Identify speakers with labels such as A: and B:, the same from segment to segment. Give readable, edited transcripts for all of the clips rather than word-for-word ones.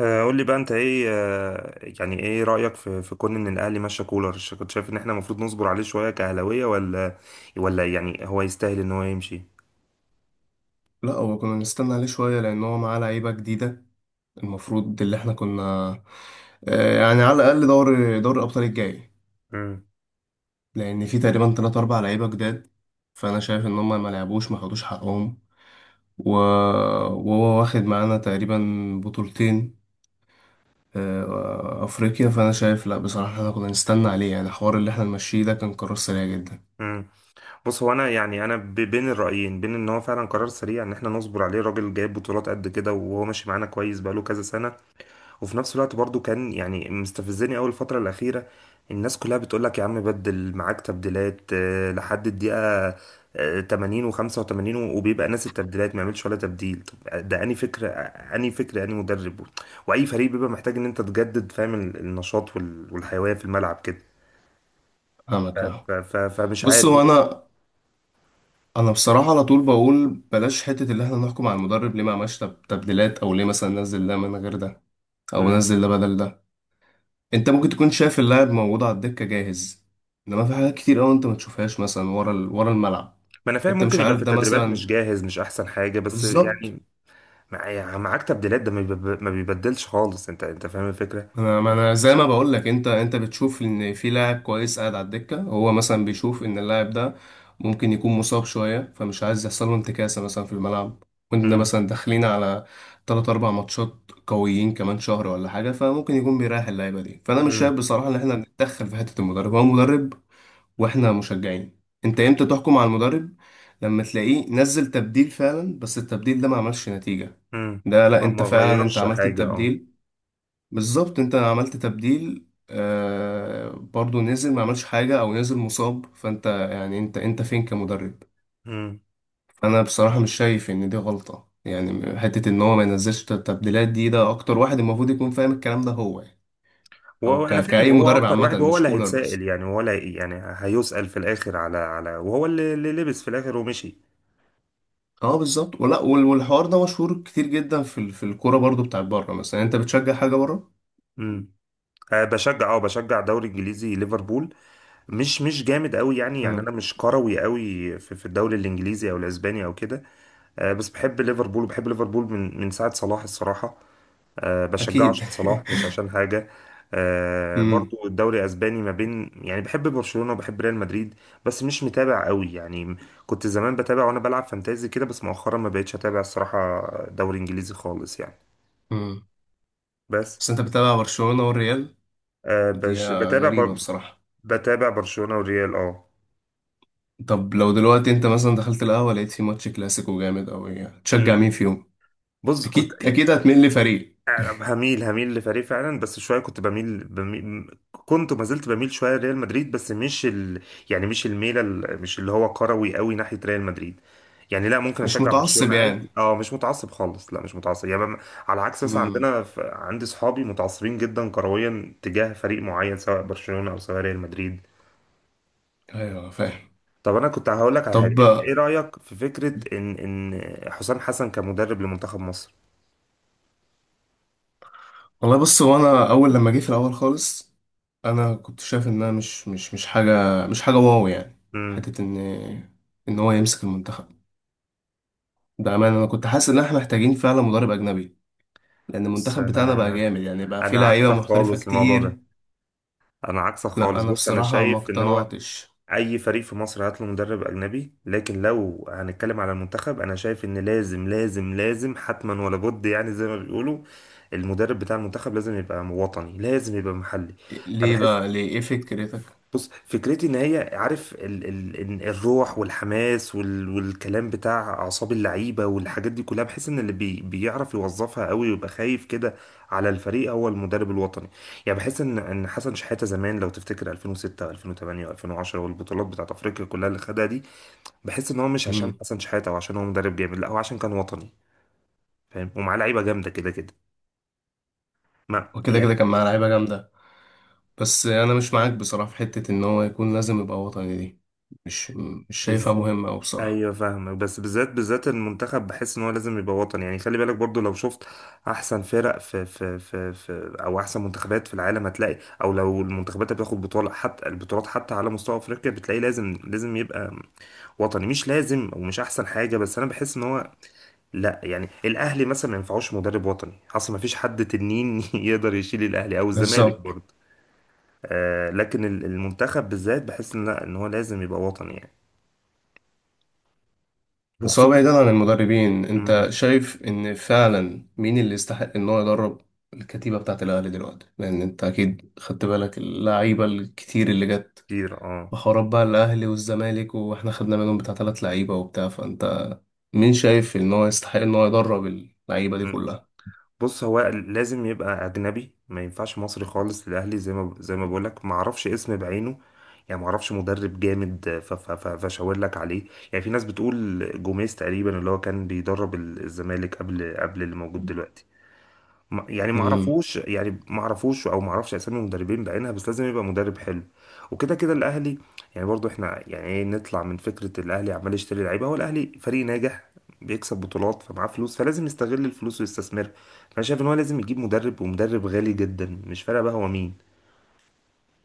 A: قول لي بقى انت ايه. يعني ايه رأيك في كون ان الاهلي ماشي كولر، كنت شايف ان احنا المفروض نصبر عليه شوية كأهلاوية، ولا يعني هو يستاهل ان هو يمشي؟
B: لا، هو كنا نستنى عليه شوية لأن هو معاه لعيبة جديدة المفروض اللي احنا كنا يعني على الأقل دور الأبطال الجاي.
A: امم.
B: لأن في تقريبا تلات أربع لعيبة جداد، فأنا شايف إن هما ما لعبوش ما خدوش حقهم. و- وهو واخد معانا تقريبا بطولتين أفريقيا. فأنا شايف لا، بصراحة احنا كنا نستنى عليه، يعني الحوار اللي احنا نمشيه ده كان قرار سريع جدا.
A: امم. بص، هو انا يعني انا بين الرأيين، بين ان هو فعلا قرار سريع، ان احنا نصبر عليه، راجل جايب بطولات قد كده وهو ماشي معانا كويس بقاله كذا سنة. وفي نفس الوقت برضو كان يعني مستفزني أول الفترة الأخيرة. الناس كلها بتقول لك يا عم بدل، معاك تبديلات، لحد الدقيقة 80 و85، وبيبقى ناس التبديلات ما يعملش ولا تبديل. طب ده أنهي فكرة أنهي مدرب؟ وأي فريق بيبقى محتاج إن أنت تجدد، فاهم، النشاط والحيوية في الملعب كده.
B: أنا معاك فاهم.
A: فمش
B: بص
A: عارف.
B: هو أنا انا بصراحه على طول بقول بلاش حته اللي احنا نحكم على المدرب ليه ما عملش تبديلات، او ليه مثلا نزل ده من غير ده، او
A: مم.
B: نزل ده بدل ده. انت ممكن تكون شايف اللاعب موجود على الدكه جاهز، انما في حاجات كتير قوي انت ما تشوفهاش، مثلا ورا ورا الملعب.
A: ما انا فاهم،
B: انت
A: ممكن
B: مش
A: يبقى في
B: عارف ده
A: التدريبات
B: مثلا.
A: مش جاهز مش احسن حاجه، بس
B: بالظبط.
A: يعني معاك تبديلات، ده ما بيبدلش خالص، انت فاهم الفكره.
B: انا، ما انا زي ما بقول لك، انت انت بتشوف ان في لاعب كويس قاعد على الدكه، هو مثلا بيشوف ان اللاعب ده ممكن يكون مصاب شويه، فمش عايز يحصل له انتكاسه مثلا في الملعب، وانت مثلا داخلين على 3 4 ماتشات قويين كمان شهر ولا حاجه، فممكن يكون بيريح اللعيبه دي. فانا مش
A: امم.
B: شايف بصراحه ان احنا نتدخل في حته المدرب، هو مدرب واحنا مشجعين. انت امتى تحكم على المدرب؟ لما تلاقيه نزل تبديل فعلا بس التبديل ده ما عملش نتيجه.
A: مم.
B: ده لا،
A: ما
B: انت
A: ما
B: فعلا انت
A: غيرش
B: عملت
A: حاجة، اه.
B: التبديل. بالظبط، انت عملت تبديل آه برضو، نزل ما عملش حاجة، او نزل مصاب، فانت يعني انت فين كمدرب؟
A: مم.
B: انا بصراحة مش شايف ان دي غلطة يعني، حتة ان هو ما ينزلش التبديلات دي. ده اكتر واحد المفروض يكون فاهم الكلام ده هو يعني. او
A: وهو انا فاهم،
B: كأي
A: هو
B: مدرب
A: اكتر
B: عامة،
A: واحد، وهو
B: مش
A: اللي
B: كولر بس.
A: هيتسائل، يعني هو اللي يعني هيسأل في الاخر على على، وهو اللي لبس في الاخر ومشي.
B: اه بالظبط. والحوار ده مشهور كتير جدا في الكورة برضو. بتاعت بره، مثلا انت بتشجع حاجة بره؟
A: مم. أه. بشجع الدوري الانجليزي، ليفربول. مش جامد قوي، يعني انا
B: مم.
A: مش كروي قوي في الدوري الانجليزي او الاسباني او كده. أه، بس بحب ليفربول، وبحب ليفربول من ساعة صلاح الصراحة. أه، بشجعه
B: اكيد.
A: عشان صلاح، مش عشان حاجة. أه،
B: امم.
A: برضو الدوري الأسباني، ما بين يعني بحب برشلونة وبحب ريال مدريد، بس مش متابع قوي يعني. كنت زمان بتابع وأنا بلعب فانتازي كده، بس مؤخرا ما بقتش أتابع الصراحة. دوري إنجليزي خالص يعني.
B: امم.
A: بس.
B: بس انت بتتابع برشلونة والريال؟
A: أه،
B: دي
A: بتابع
B: غريبة بصراحة.
A: بتابع برشلونة والريال، اه.
B: طب لو دلوقتي انت مثلا دخلت القهوة لقيت في ماتش كلاسيكو جامد أوي، تشجع
A: مم.
B: مين فيهم؟
A: بص، كنت
B: أكيد أكيد هتميل لفريق.
A: هميل لفريق فعلا، بس شويه كنت بميل، كنت وما زلت بميل شويه لريال مدريد، بس مش يعني مش الميله مش اللي هو كروي قوي ناحيه ريال مدريد. يعني لا، ممكن
B: مش
A: اشجع
B: متعصب
A: برشلونه عادي،
B: يعني.
A: اه، مش متعصب خالص، لا، مش متعصب يعني على عكس مثلا
B: امم.
A: عندنا عندي صحابي متعصبين جدا كرويا تجاه فريق معين، سواء برشلونه او سواء ريال مدريد.
B: أيوه فاهم.
A: طب انا كنت هقول لك على حاجه،
B: طب،
A: انت ايه رايك في فكره ان ان حسام حسن كمدرب لمنتخب مصر؟
B: والله بص، هو أنا أول لما جه في الأول خالص، أنا كنت شايف إنها مش حاجة، مش حاجة واو يعني.
A: امم.
B: حتة إن هو يمسك المنتخب ده، أمانة أنا كنت حاسس إن إحنا محتاجين فعلا مدرب أجنبي، لأن
A: بس
B: المنتخب بتاعنا بقى
A: انا
B: جامد، يعني بقى فيه
A: انا
B: لعيبة
A: عكسك
B: محترفة
A: خالص في الموضوع ده،
B: كتير.
A: انا عكسك
B: لا
A: خالص.
B: أنا
A: بص، انا
B: بصراحة ما
A: شايف ان هو
B: اقتنعتش.
A: اي فريق في مصر هات له مدرب اجنبي، لكن لو هنتكلم على المنتخب انا شايف ان لازم لازم لازم، حتما ولا بد، يعني زي ما بيقولوا المدرب بتاع المنتخب لازم يبقى وطني، لازم يبقى محلي.
B: ليه
A: بحس،
B: بقى، ليه ايه فكرتك؟
A: بص، فكرتي ان هي عارف ال ال الروح والحماس وال والكلام بتاع اعصاب اللعيبه والحاجات دي كلها، بحيث ان اللي بي بيعرف يوظفها قوي ويبقى خايف كده على الفريق هو المدرب الوطني. يعني بحس ان ان حسن شحاته زمان، لو تفتكر 2006 و2008 و2010 والبطولات بتاعت افريقيا كلها اللي خدها دي، بحس ان هو مش عشان
B: مم.
A: حسن شحاته او عشان هو مدرب جامد، لا هو عشان كان وطني. فاهم؟ ومعاه لعيبه جامده كده كده. ما
B: وكده كده كان معاه لعيبه جامده. بس انا مش معاك بصراحه في حته ان هو يكون لازم يبقى وطني دي. مش مش شايفها
A: يعني
B: مهمه أوي بصراحه.
A: ايوه، فاهمك، بس بالذات بالذات المنتخب بحس ان هو لازم يبقى وطني، يعني خلي بالك برضو. لو شفت احسن فرق في في في او احسن منتخبات في العالم هتلاقي، او لو المنتخبات اللي بتاخد بطوله، حتى البطولات حتى على مستوى افريقيا، بتلاقي لازم لازم يبقى وطني. مش لازم ومش احسن حاجه، بس انا بحس ان هو، لا يعني الاهلي مثلا ما ينفعوش مدرب وطني اصلا، ما فيش حد تنين يقدر يشيل الاهلي او الزمالك
B: بالظبط.
A: برضو. آه، لكن المنتخب بالذات بحس ان لا، ان هو لازم يبقى وطني يعني.
B: بس هو
A: وخصوصا
B: بعيدا عن المدربين، انت
A: مم،
B: شايف ان فعلا مين اللي يستحق ان هو يدرب الكتيبه بتاعه الاهلي دلوقتي؟ لان انت اكيد خدت بالك اللعيبه الكتير اللي جت
A: كتير اه.
B: بحوارات بقى الاهلي والزمالك، واحنا خدنا منهم بتاع ثلاث لعيبه وبتاع فانت. مين شايف ان هو يستحق ان هو يدرب اللعيبه دي كلها؟
A: بص، هو لازم يبقى اجنبي، ما ينفعش مصري خالص للاهلي. زي ما زي ما بقول لك، ما اعرفش اسم بعينه، يعني ما اعرفش مدرب جامد فاشاور لك عليه. يعني في ناس بتقول جوميز تقريبا، اللي هو كان بيدرب الزمالك قبل اللي موجود دلوقتي. يعني ما
B: امم.
A: اعرفوش، يعني ما اعرفوش او ما اعرفش اسامي مدربين بعينها، بس لازم يبقى مدرب حلو. وكده كده الاهلي، يعني برضو احنا يعني ايه، نطلع من فكره الاهلي عمال يشتري لعيبه. هو الاهلي فريق ناجح، بيكسب بطولات، فمعاه فلوس، فلازم يستغل الفلوس ويستثمرها. فانا شايف ان هو لازم يجيب مدرب، ومدرب غالي جدا، مش فارقه بقى هو مين،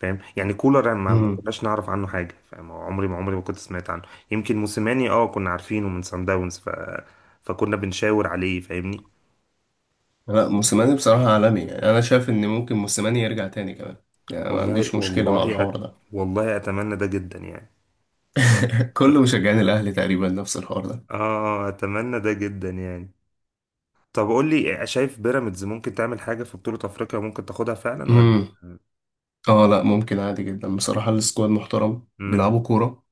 A: فاهم يعني. كولر ما
B: امم.
A: كناش نعرف عنه حاجه، فاهم؟ عمري ما كنت سمعت عنه. يمكن موسيماني اه كنا عارفينه من سان داونز، فكنا بنشاور عليه، فاهمني.
B: لا موسيماني بصراحة عالمي يعني، أنا شايف إن ممكن موسيماني يرجع تاني كمان. يعني أنا ما
A: والله
B: عنديش مشكلة مع
A: والله أت...
B: الحوار ده.
A: والله اتمنى ده جدا يعني.
B: كل مشجعين الأهلي تقريبا نفس الحوار ده.
A: اه، اتمنى ده جدا يعني. طب قول لي، شايف بيراميدز ممكن تعمل حاجه في بطوله افريقيا، ممكن تاخدها فعلا ولا؟
B: امم. اه لا، ممكن عادي جدا بصراحة. السكواد محترم،
A: امم.
B: بيلعبوا كورة.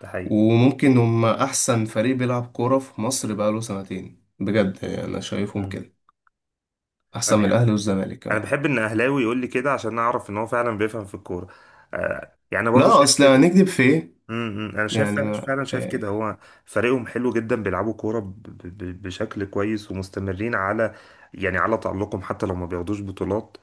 A: ده حقيقي.
B: وممكن هما أحسن فريق بيلعب كورة في مصر بقاله سنتين بجد، يعني أنا شايفهم
A: مم.
B: كده.
A: انا
B: أحسن من
A: بحب
B: الأهلي والزمالك
A: انا
B: كمان.
A: بحب ان اهلاوي يقول لي كده، عشان اعرف ان هو فعلا بيفهم في الكوره. آه، يعني أنا برضو
B: لا،
A: شايف
B: أصل
A: كده.
B: هنكدب في إيه؟
A: امم. انا شايف
B: يعني
A: فعلا،
B: ما
A: شايف كده، هو فريقهم حلو جدا، بيلعبوا كوره بشكل كويس، ومستمرين على يعني على تألقهم، حتى لو ما بياخدوش بطولات.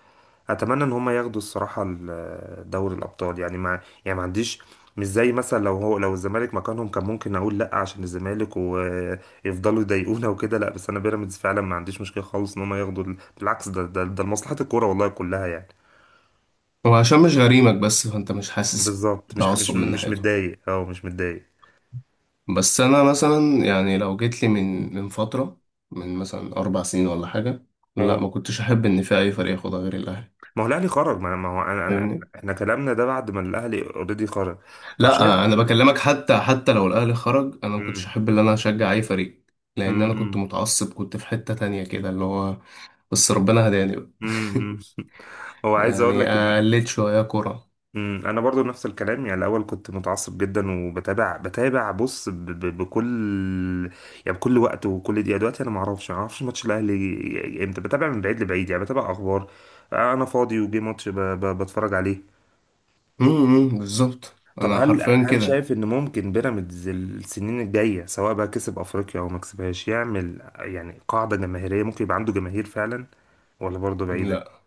A: اتمنى ان هم ياخدوا الصراحه دوري الابطال، يعني ما يعني ما عنديش، مش زي مثلا لو هو لو الزمالك مكانهم كان ممكن اقول لا، عشان الزمالك ويفضلوا يضايقونا وكده. لا، بس انا بيراميدز فعلا ما عنديش مشكله خالص ان هم ياخدوا بالعكس، ده لمصلحه الكوره والله كلها يعني.
B: هو عشان مش غريمك بس، فأنت مش حاسس
A: بالظبط، مش مش
B: تعصب من
A: مش
B: ناحيته.
A: متضايق، اه مش متضايق،
B: بس انا مثلا، يعني لو جيت لي من من فتره، من مثلا اربع سنين ولا حاجه، لا
A: اه.
B: ما كنتش احب ان في اي فريق ياخدها غير الاهلي.
A: ما هو الاهلي خرج، ما هو انا
B: فاهمني؟
A: احنا كلامنا ده بعد ما الاهلي اوريدي خرج. طب شايف.
B: لا انا بكلمك حتى، حتى لو الاهلي خرج انا ما كنتش
A: امم.
B: احب ان انا اشجع اي فريق. لان انا كنت
A: امم.
B: متعصب، كنت في حته تانية كده اللي هو. بس ربنا هداني بقى.
A: امم. هو عايز اقول
B: يعني
A: لك ان،
B: قلت شويه كوره.
A: مم. انا برضو نفس الكلام، يعني الاول كنت متعصب جدا، وبتابع بتابع بص بكل يعني بكل وقت وكل دقيقه. دلوقتي انا ما اعرفش ماتش الاهلي امتى، بتابع من بعيد لبعيد، يعني بتابع اخبار. انا فاضي وجي ماتش بتفرج عليه.
B: امم. إمم، بالظبط
A: طب
B: انا
A: هل
B: حرفيا
A: هل
B: كده.
A: شايف ان ممكن بيراميدز السنين الجايه، سواء بقى كسب افريقيا او ما كسبهاش، يعمل يعني قاعده جماهيريه، ممكن يبقى عنده جماهير فعلا ولا برضه بعيده؟
B: لا.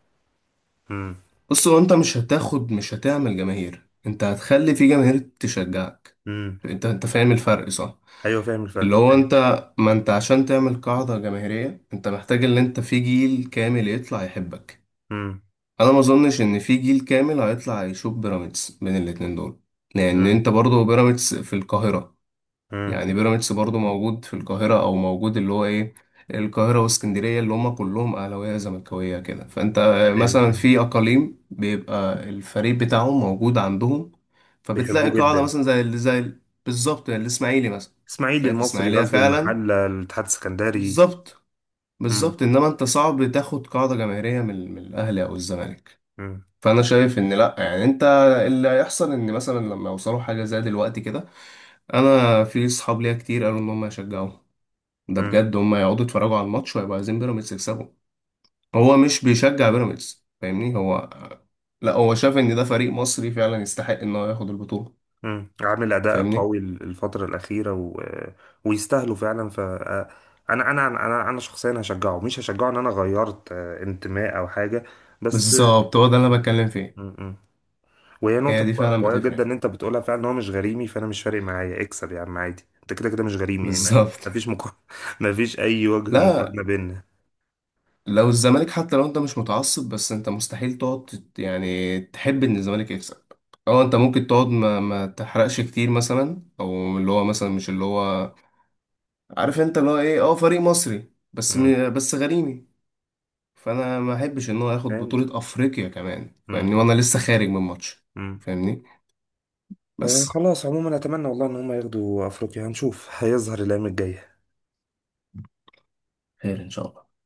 A: امم.
B: بص هو انت مش هتاخد، مش هتعمل جماهير، انت هتخلي في جماهير تشجعك.
A: امم.
B: انت فاهم الفرق صح؟
A: ايوه، فاهم الفرق.
B: اللي هو انت، ما انت عشان تعمل قاعدة جماهيرية انت محتاج ان انت في جيل كامل يطلع يحبك.
A: امم.
B: انا ما اظنش ان في جيل كامل هيطلع يشوف بيراميدز بين الاتنين دول، لان
A: امم.
B: انت برضه بيراميدز في القاهرة.
A: امم.
B: يعني بيراميدز برضو موجود في القاهرة، أو موجود اللي هو إيه، القاهرة واسكندرية اللي هما كلهم أهلاوية زملكاوية كده. فأنت
A: ايوه،
B: مثلا
A: فاهم.
B: في أقاليم بيبقى الفريق بتاعهم موجود عندهم، فبتلاقي
A: بيحبوه
B: قاعدة
A: جدا.
B: مثلا بالظبط، يعني الإسماعيلي مثلا،
A: اسماعيلي،
B: تلاقي في
A: المصري،
B: إسماعيلية
A: غزل
B: فعلا.
A: المحله، الاتحاد السكندري.
B: بالظبط.
A: امم.
B: بالظبط. إنما أنت صعب تاخد قاعدة جماهيرية من من الأهلي أو الزمالك. فأنا شايف إن لأ، يعني أنت، اللي هيحصل إن مثلا لما يوصلوا حاجة زي دلوقتي كده، أنا في صحاب ليا كتير قالوا إن هم يشجعوا. ده
A: امم.
B: بجد هم يقعدوا يتفرجوا على الماتش ويبقوا عايزين بيراميدز يكسبوا. هو مش بيشجع بيراميدز، فاهمني، هو لا، هو شاف ان ده فريق مصري فعلا يستحق ان هو ياخد البطولة.
A: مم. عامل اداء
B: فاهمني؟
A: قوي الفتره الاخيره ويستاهلوا فعلا. ف انا شخصيا هشجعه، مش هشجعه ان انا غيرت انتماء او حاجه، بس.
B: بالظبط، هو ده اللي انا بتكلم فيه.
A: مم. مم. وهي نقطه
B: هي دي فعلا
A: قويه جدا
B: بتفرق.
A: ان انت بتقولها فعلا، ان هو مش غريمي، فانا مش فارق معايا اكسب يا عم عادي، انت كده كده مش غريمي يعني. ما
B: بالظبط.
A: ما فيش مقارنه، ما فيش اي وجه
B: لا،
A: مقارنه بيننا.
B: لو الزمالك حتى لو انت مش متعصب، بس انت مستحيل تقعد يعني تحب ان الزمالك يكسب. اه، انت ممكن تقعد ما تحرقش كتير مثلا، او اللي هو مثلا مش اللي هو، عارف انت اللي هو ايه، اه فريق مصري بس
A: مم.
B: بس غريمي، فانا ما احبش ان هو ياخد
A: فهمت.
B: بطولة افريقيا كمان. فاهمني؟
A: مم.
B: وانا لسه خارج من ماتش.
A: مم.
B: فاهمني؟ بس.
A: خلاص، عموما اتمنى والله ان هم ياخدوا افريقيا، هنشوف، هيظهر الايام الجايه.
B: خير ان شاء الله.